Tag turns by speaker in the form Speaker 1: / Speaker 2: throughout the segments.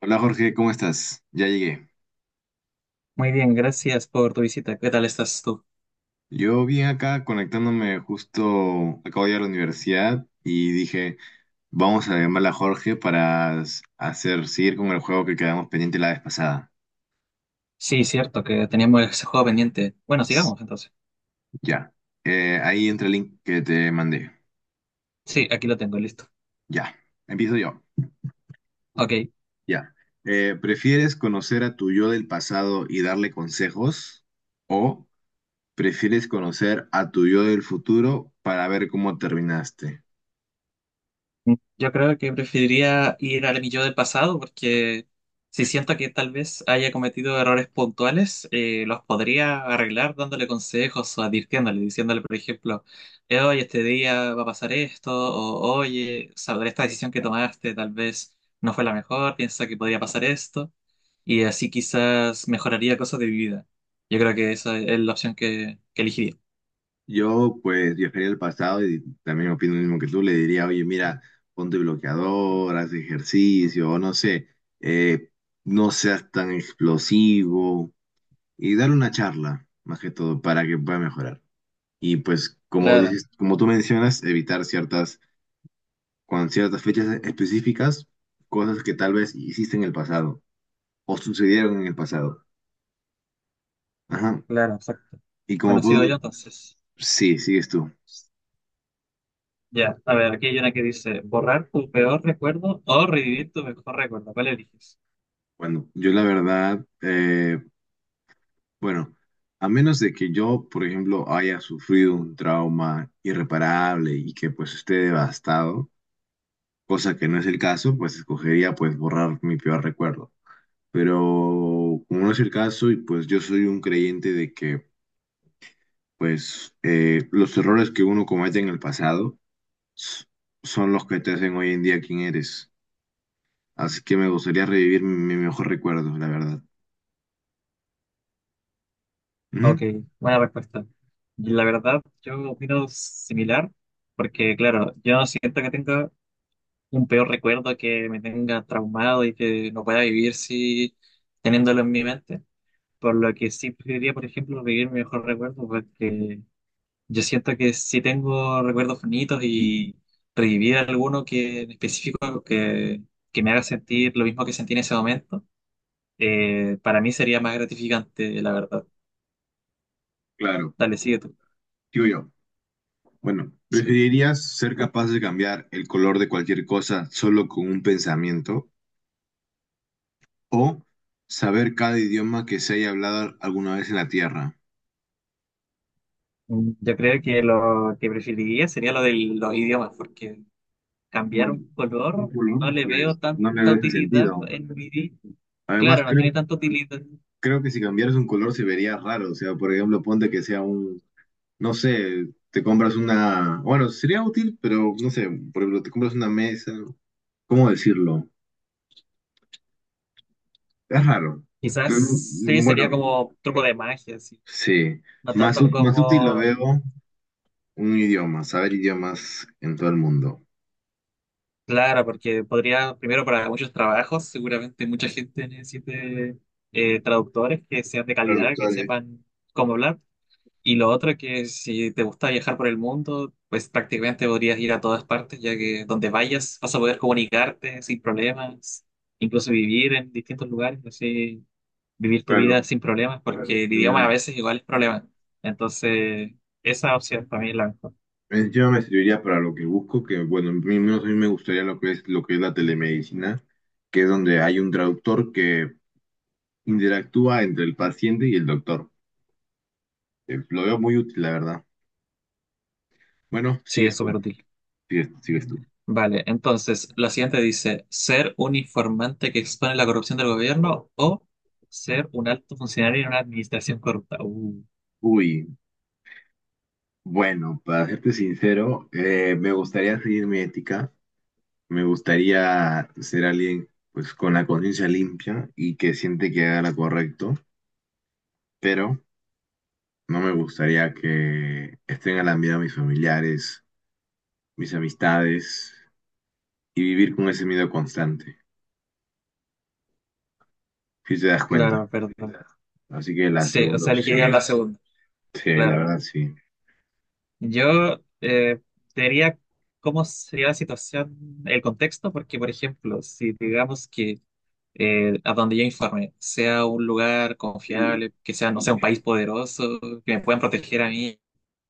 Speaker 1: Hola Jorge, ¿cómo estás? Ya llegué.
Speaker 2: Muy bien, gracias por tu visita. ¿Qué tal estás tú?
Speaker 1: Yo vine acá conectándome justo, acabo de ir a la universidad y dije, vamos a llamar a Jorge para hacer, seguir con el juego que quedamos pendiente la vez pasada.
Speaker 2: Sí, cierto que teníamos ese juego pendiente. Bueno,
Speaker 1: S-
Speaker 2: sigamos entonces.
Speaker 1: Ya. Ahí entra el link que te mandé.
Speaker 2: Sí, aquí lo tengo, listo.
Speaker 1: Ya. Empiezo yo.
Speaker 2: Ok.
Speaker 1: Ya. ¿Prefieres conocer a tu yo del pasado y darle consejos? ¿O prefieres conocer a tu yo del futuro para ver cómo terminaste?
Speaker 2: Yo creo que preferiría ir al mi yo del pasado porque si siento que tal vez haya cometido errores puntuales, los podría arreglar dándole consejos o advirtiéndole, diciéndole, por ejemplo, oye, este día va a pasar esto, o oye, sobre esta decisión que tomaste tal vez no fue la mejor, piensa que podría pasar esto. Y así quizás mejoraría cosas de mi vida. Yo creo que esa es la opción que elegiría.
Speaker 1: Yo pues viajaría al pasado y también opino lo mismo que tú, le diría, oye, mira, ponte bloqueador, haz ejercicio, o no sé, eh, no seas tan explosivo y dar una charla, más que todo, para que pueda mejorar. Y pues, como
Speaker 2: Claro,
Speaker 1: dices, como tú mencionas, evitar ciertas, con ciertas fechas específicas, cosas que tal vez hiciste en el pasado o sucedieron en el pasado. Ajá.
Speaker 2: claro, exacto.
Speaker 1: Y como
Speaker 2: Bueno, sigo
Speaker 1: puedo,
Speaker 2: yo entonces.
Speaker 1: sí, sigues tú.
Speaker 2: Ya, a ver, aquí hay una que dice, borrar tu peor recuerdo o revivir tu mejor recuerdo. ¿Cuál eliges?
Speaker 1: Bueno, yo la verdad... Bueno, a menos de que yo, por ejemplo, haya sufrido un trauma irreparable y que pues esté devastado, cosa que no es el caso, pues escogería pues borrar mi peor recuerdo. Pero como no es el caso y pues yo soy un creyente de que pues los errores que uno comete en el pasado s- son los que te hacen hoy en día quien eres. Así que me gustaría revivir mi mejor recuerdo, la verdad.
Speaker 2: Ok,
Speaker 1: Ujú.
Speaker 2: buena respuesta. Y la verdad, yo opino similar, porque claro, yo no siento que tenga un peor recuerdo que me tenga traumado y que no pueda vivir si teniéndolo en mi mente. Por lo que sí preferiría, por ejemplo, vivir mi mejor recuerdo, porque yo siento que si tengo recuerdos bonitos y revivir alguno que en específico que me haga sentir lo mismo que sentí en ese momento, para mí sería más gratificante, la verdad.
Speaker 1: Claro,
Speaker 2: Dale, sigue tú.
Speaker 1: digo yo. Bueno,
Speaker 2: Sí.
Speaker 1: ¿preferirías ser capaz de cambiar el color de cualquier cosa solo con un pensamiento o saber cada idioma que se haya hablado alguna vez en la Tierra?
Speaker 2: Yo creo que lo que preferiría sería lo de los idiomas, porque cambiar
Speaker 1: Bueno,
Speaker 2: un
Speaker 1: un
Speaker 2: color
Speaker 1: color,
Speaker 2: no le veo
Speaker 1: pues no le
Speaker 2: tanta
Speaker 1: veo ese
Speaker 2: utilidad
Speaker 1: sentido.
Speaker 2: en mi vida.
Speaker 1: Además,
Speaker 2: Claro, no tiene tanta utilidad.
Speaker 1: creo que si cambiaras un color se vería raro. O sea, por ejemplo, ponte que sea un, no sé, te compras una, bueno, sería útil, pero no sé, por ejemplo, te compras una mesa. ¿Cómo decirlo? Es raro. Pero,
Speaker 2: Quizás sí, sería
Speaker 1: bueno,
Speaker 2: como truco de magia, sí.
Speaker 1: sí,
Speaker 2: No
Speaker 1: más,
Speaker 2: tanto
Speaker 1: más útil lo
Speaker 2: como,
Speaker 1: veo. Un idioma, saber idiomas en todo el mundo.
Speaker 2: claro, porque podría, primero para muchos trabajos, seguramente mucha gente necesite traductores que sean de calidad, que
Speaker 1: Traductores,
Speaker 2: sepan cómo hablar. Y lo otro que si te gusta viajar por el mundo, pues prácticamente podrías ir a todas partes, ya que donde vayas vas a poder comunicarte sin problemas, incluso vivir en distintos lugares, así vivir tu vida
Speaker 1: claro.
Speaker 2: sin problemas, porque el idioma a
Speaker 1: Mira,
Speaker 2: veces igual es problema. Entonces, esa opción para mí es la mejor.
Speaker 1: encima me serviría para lo que busco, que bueno, a mí, no, a mí me gustaría lo que es la telemedicina, que es donde hay un traductor que interactúa entre el paciente y el doctor. Lo veo muy útil, la verdad. Bueno,
Speaker 2: Sí, es
Speaker 1: sigues tú,
Speaker 2: súper útil.
Speaker 1: sigues tú.
Speaker 2: Vale, entonces, la siguiente dice, ser un informante que expone la corrupción del gobierno o ser un alto funcionario en una administración corrupta.
Speaker 1: Uy, bueno, para serte sincero, me gustaría seguir mi ética, me gustaría ser alguien pues con la conciencia limpia y que siente que haga lo correcto pero no me gustaría que estén alarmando a mis familiares, mis amistades y vivir con ese miedo constante, si te das cuenta.
Speaker 2: Claro, perdón.
Speaker 1: Así que la
Speaker 2: Sí, o
Speaker 1: segunda
Speaker 2: sea, elegiría
Speaker 1: opción,
Speaker 2: la segunda,
Speaker 1: sí, la
Speaker 2: claro.
Speaker 1: verdad sí.
Speaker 2: Yo diría cómo sería la situación, el contexto, porque, por ejemplo, si digamos que a donde yo informe, sea un lugar
Speaker 1: El-
Speaker 2: confiable, que sea, no sea un país poderoso, que me puedan proteger a mí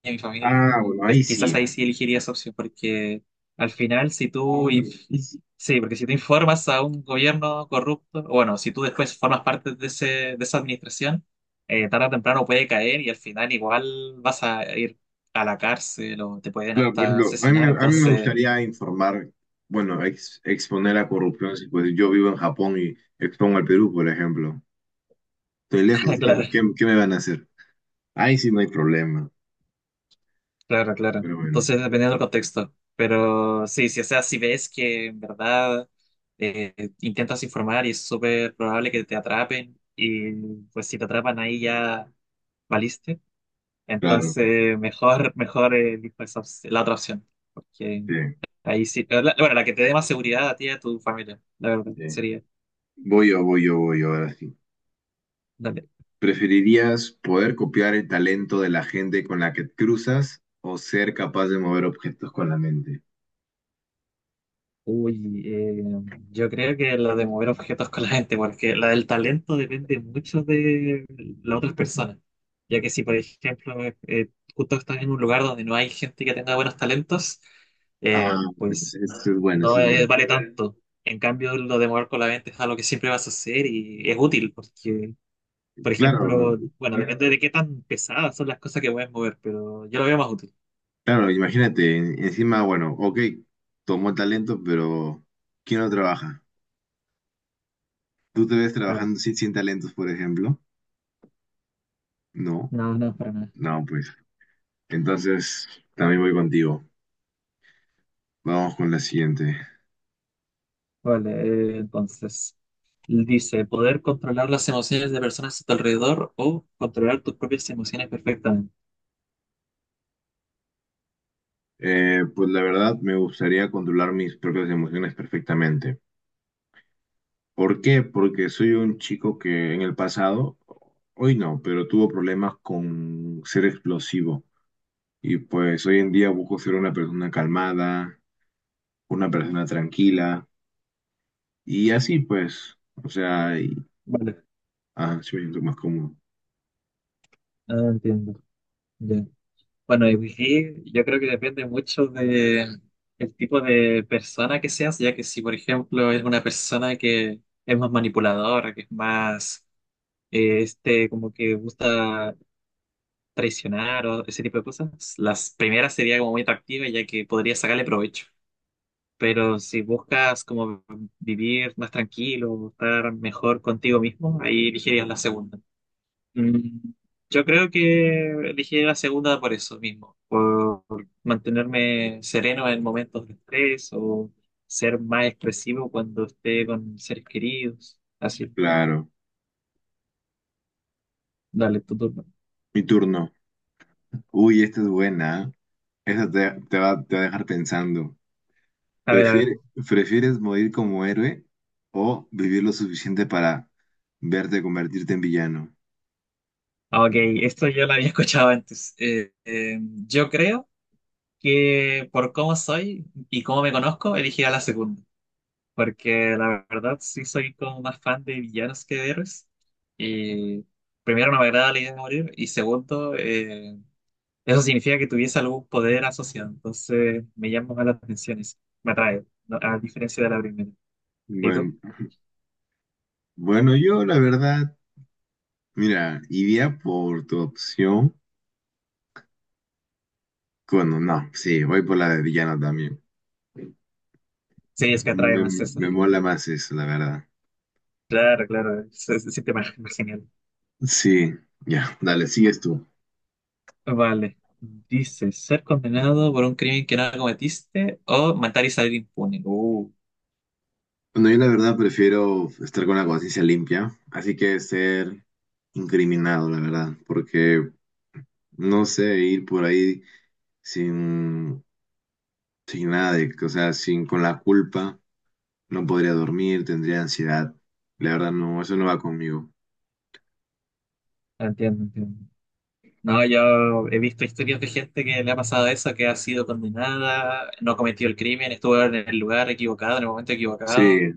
Speaker 2: y a mi familia,
Speaker 1: Ah, bueno,
Speaker 2: pues
Speaker 1: ahí
Speaker 2: quizás
Speaker 1: sí.
Speaker 2: ahí sí elegiría esa opción, porque al final si tú, sí, porque si te informas a un gobierno corrupto, o bueno, si tú después formas parte de ese, de esa administración, tarde o temprano puede caer y al final igual vas a ir a la cárcel o te pueden
Speaker 1: Claro, por
Speaker 2: hasta
Speaker 1: ejemplo, a mí,
Speaker 2: asesinar,
Speaker 1: a mí me
Speaker 2: entonces,
Speaker 1: gustaría informar, bueno, exponer la corrupción, si pues yo vivo en Japón y expongo al Perú, por ejemplo. Estoy lejos, ¿qué,
Speaker 2: claro.
Speaker 1: qué me van a hacer? Ahí sí no hay problema,
Speaker 2: Claro, claro.
Speaker 1: pero bueno,
Speaker 2: Entonces, dependiendo del contexto. Pero sí, sí, o sea, si ves que en verdad eh, intentas informar y es súper probable que te atrapen, y pues si te atrapan ahí ya valiste.
Speaker 1: claro,
Speaker 2: Entonces, mejor elijo esa la otra opción. Porque
Speaker 1: sí,
Speaker 2: ahí sí. Pero bueno, la que te dé más seguridad a ti y a tu familia, la verdad,
Speaker 1: sí.
Speaker 2: sería.
Speaker 1: Voy yo, voy yo, voy yo, ahora sí.
Speaker 2: Dale.
Speaker 1: ¿Preferirías poder copiar el talento de la gente con la que te cruzas o ser capaz de mover objetos con la mente?
Speaker 2: Uy, yo creo que la de mover objetos con la gente, porque la del talento depende mucho de las otras personas. Ya que si, por ejemplo, eh, justo estás en un lugar donde no hay gente que tenga buenos talentos,
Speaker 1: Ah, bueno,
Speaker 2: pues
Speaker 1: eso es bueno, eso
Speaker 2: no
Speaker 1: es
Speaker 2: es-
Speaker 1: bueno.
Speaker 2: vale tanto. En cambio, lo de mover con la mente es algo que siempre vas a hacer y es útil porque, por
Speaker 1: Claro,
Speaker 2: ejemplo, bueno, depende de qué tan pesadas son las cosas que puedes mover, pero yo lo veo más útil.
Speaker 1: claro, imagínate, encima, bueno, ok, tomó talento, pero ¿quién no trabaja? ¿Tú te ves
Speaker 2: Claro.
Speaker 1: trabajando sin, sin talentos, por ejemplo? No,
Speaker 2: No, no, para nada.
Speaker 1: no, pues. Entonces, también voy contigo. Vamos con la siguiente.
Speaker 2: Vale, entonces. Dice, poder controlar las emociones de personas a tu alrededor o controlar tus propias emociones perfectamente.
Speaker 1: Pues la verdad, me gustaría controlar mis propias emociones perfectamente. ¿Por qué? Porque soy un chico que en el pasado, hoy no, pero tuvo problemas con ser explosivo. Y pues hoy en día busco ser una persona calmada, una persona tranquila. Y así pues, o sea, y, ah, sí me siento más cómodo.
Speaker 2: Ah, entiendo. Ya. Bueno, y aquí yo creo que depende mucho de el tipo de persona que seas, ya que si, por ejemplo, es una persona que es más manipuladora, que es más, este, como que gusta traicionar o ese tipo de cosas, las primeras sería como muy atractiva, ya que podría sacarle provecho. Pero si buscas como vivir más tranquilo, estar mejor contigo mismo, ahí elegirías la segunda. Mm, Yo creo que elegiría la segunda por eso mismo, por mantenerme sereno en momentos de estrés o ser más expresivo cuando esté con seres queridos. Así,
Speaker 1: Claro.
Speaker 2: dale, tu turno.
Speaker 1: Mi turno. Uy, esta es buena, ¿eh? Esta te, te va a dejar pensando.
Speaker 2: A ver, a ver.
Speaker 1: ¿Prefieres, prefieres morir como héroe o vivir lo suficiente para verte convertirte en villano?
Speaker 2: Ah, Ok, esto yo lo había escuchado antes. Yo creo que por cómo soy y cómo me conozco, elegiría la segunda. Porque la verdad sí soy como más fan de villanos que de héroes. Y primero no me agrada la idea de morir y segundo, eso significa que tuviese algún poder asociado. Entonces me llama más la atención eso, me atrae, a diferencia de la primera. ¿Y tú?
Speaker 1: Bueno, Bueno, yo la verdad, mira, iría por tu opción. Bueno, no, sí, voy por la de villano también.
Speaker 2: Sí, es que
Speaker 1: Me,
Speaker 2: atrae más eso.
Speaker 1: me mola más eso, la verdad.
Speaker 2: Claro, claro, se siente más, más genial.
Speaker 1: Sí, ya, dale, sigues tú.
Speaker 2: Vale. Dice, ser condenado por un crimen que no cometiste o matar y salir impune.
Speaker 1: Bueno, yo la verdad prefiero estar con la conciencia limpia, así que ser incriminado, la verdad, porque no sé, ir por ahí sin, sin nada de, o sea, sin con la culpa, no podría dormir, tendría ansiedad. La verdad, no, eso no va conmigo.
Speaker 2: Entiendo, entiendo. No, yo he visto historias de gente que le ha pasado eso, que ha sido condenada, no cometió el crimen, estuvo en el lugar equivocado, en el momento
Speaker 1: Sí,
Speaker 2: equivocado,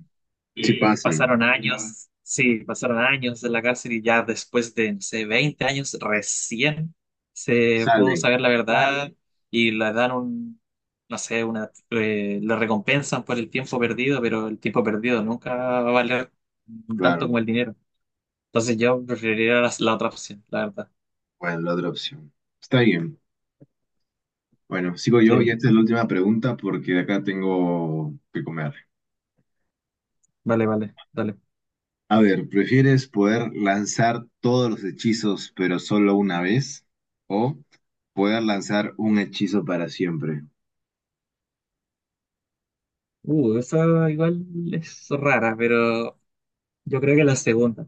Speaker 1: Si
Speaker 2: y
Speaker 1: pasan,
Speaker 2: pasaron años, sí, pasaron años en la cárcel y ya después de, no sé, 20 años recién se pudo
Speaker 1: salen,
Speaker 2: saber la verdad y le dan un, no sé, una, le recompensan por el tiempo perdido, pero el tiempo perdido nunca va a valer tanto
Speaker 1: claro.
Speaker 2: como el dinero. Entonces yo preferiría la otra opción, la verdad.
Speaker 1: Bueno, la otra opción. Está bien. Bueno, sigo yo y
Speaker 2: Sí,
Speaker 1: esta es la última pregunta porque de acá tengo que comer.
Speaker 2: vale, vale, dale.
Speaker 1: A ver, ¿prefieres poder lanzar todos los hechizos pero solo una vez? ¿O poder lanzar un hechizo para siempre?
Speaker 2: Esa igual es rara, pero yo creo que la segunda,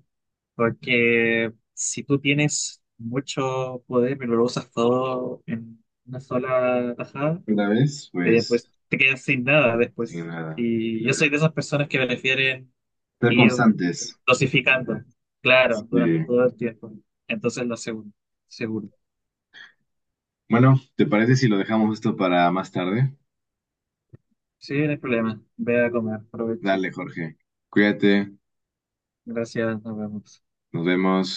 Speaker 2: porque si tú tienes mucho poder, pero lo usas todo en una sola tajada,
Speaker 1: Una vez,
Speaker 2: pues
Speaker 1: pues,
Speaker 2: te quedas sin nada
Speaker 1: sin
Speaker 2: después.
Speaker 1: nada.
Speaker 2: Y yo soy de esas personas que prefieren
Speaker 1: Ser
Speaker 2: ir
Speaker 1: constantes.
Speaker 2: dosificando, claro, durante
Speaker 1: Sí.
Speaker 2: todo el tiempo. Entonces la segunda, seguro.
Speaker 1: Bueno, ¿te parece si lo dejamos esto para más tarde?
Speaker 2: Sí, no hay problema. Ve a comer, provecho.
Speaker 1: Dale, Jorge. Cuídate.
Speaker 2: Gracias, nos vemos.
Speaker 1: Nos vemos.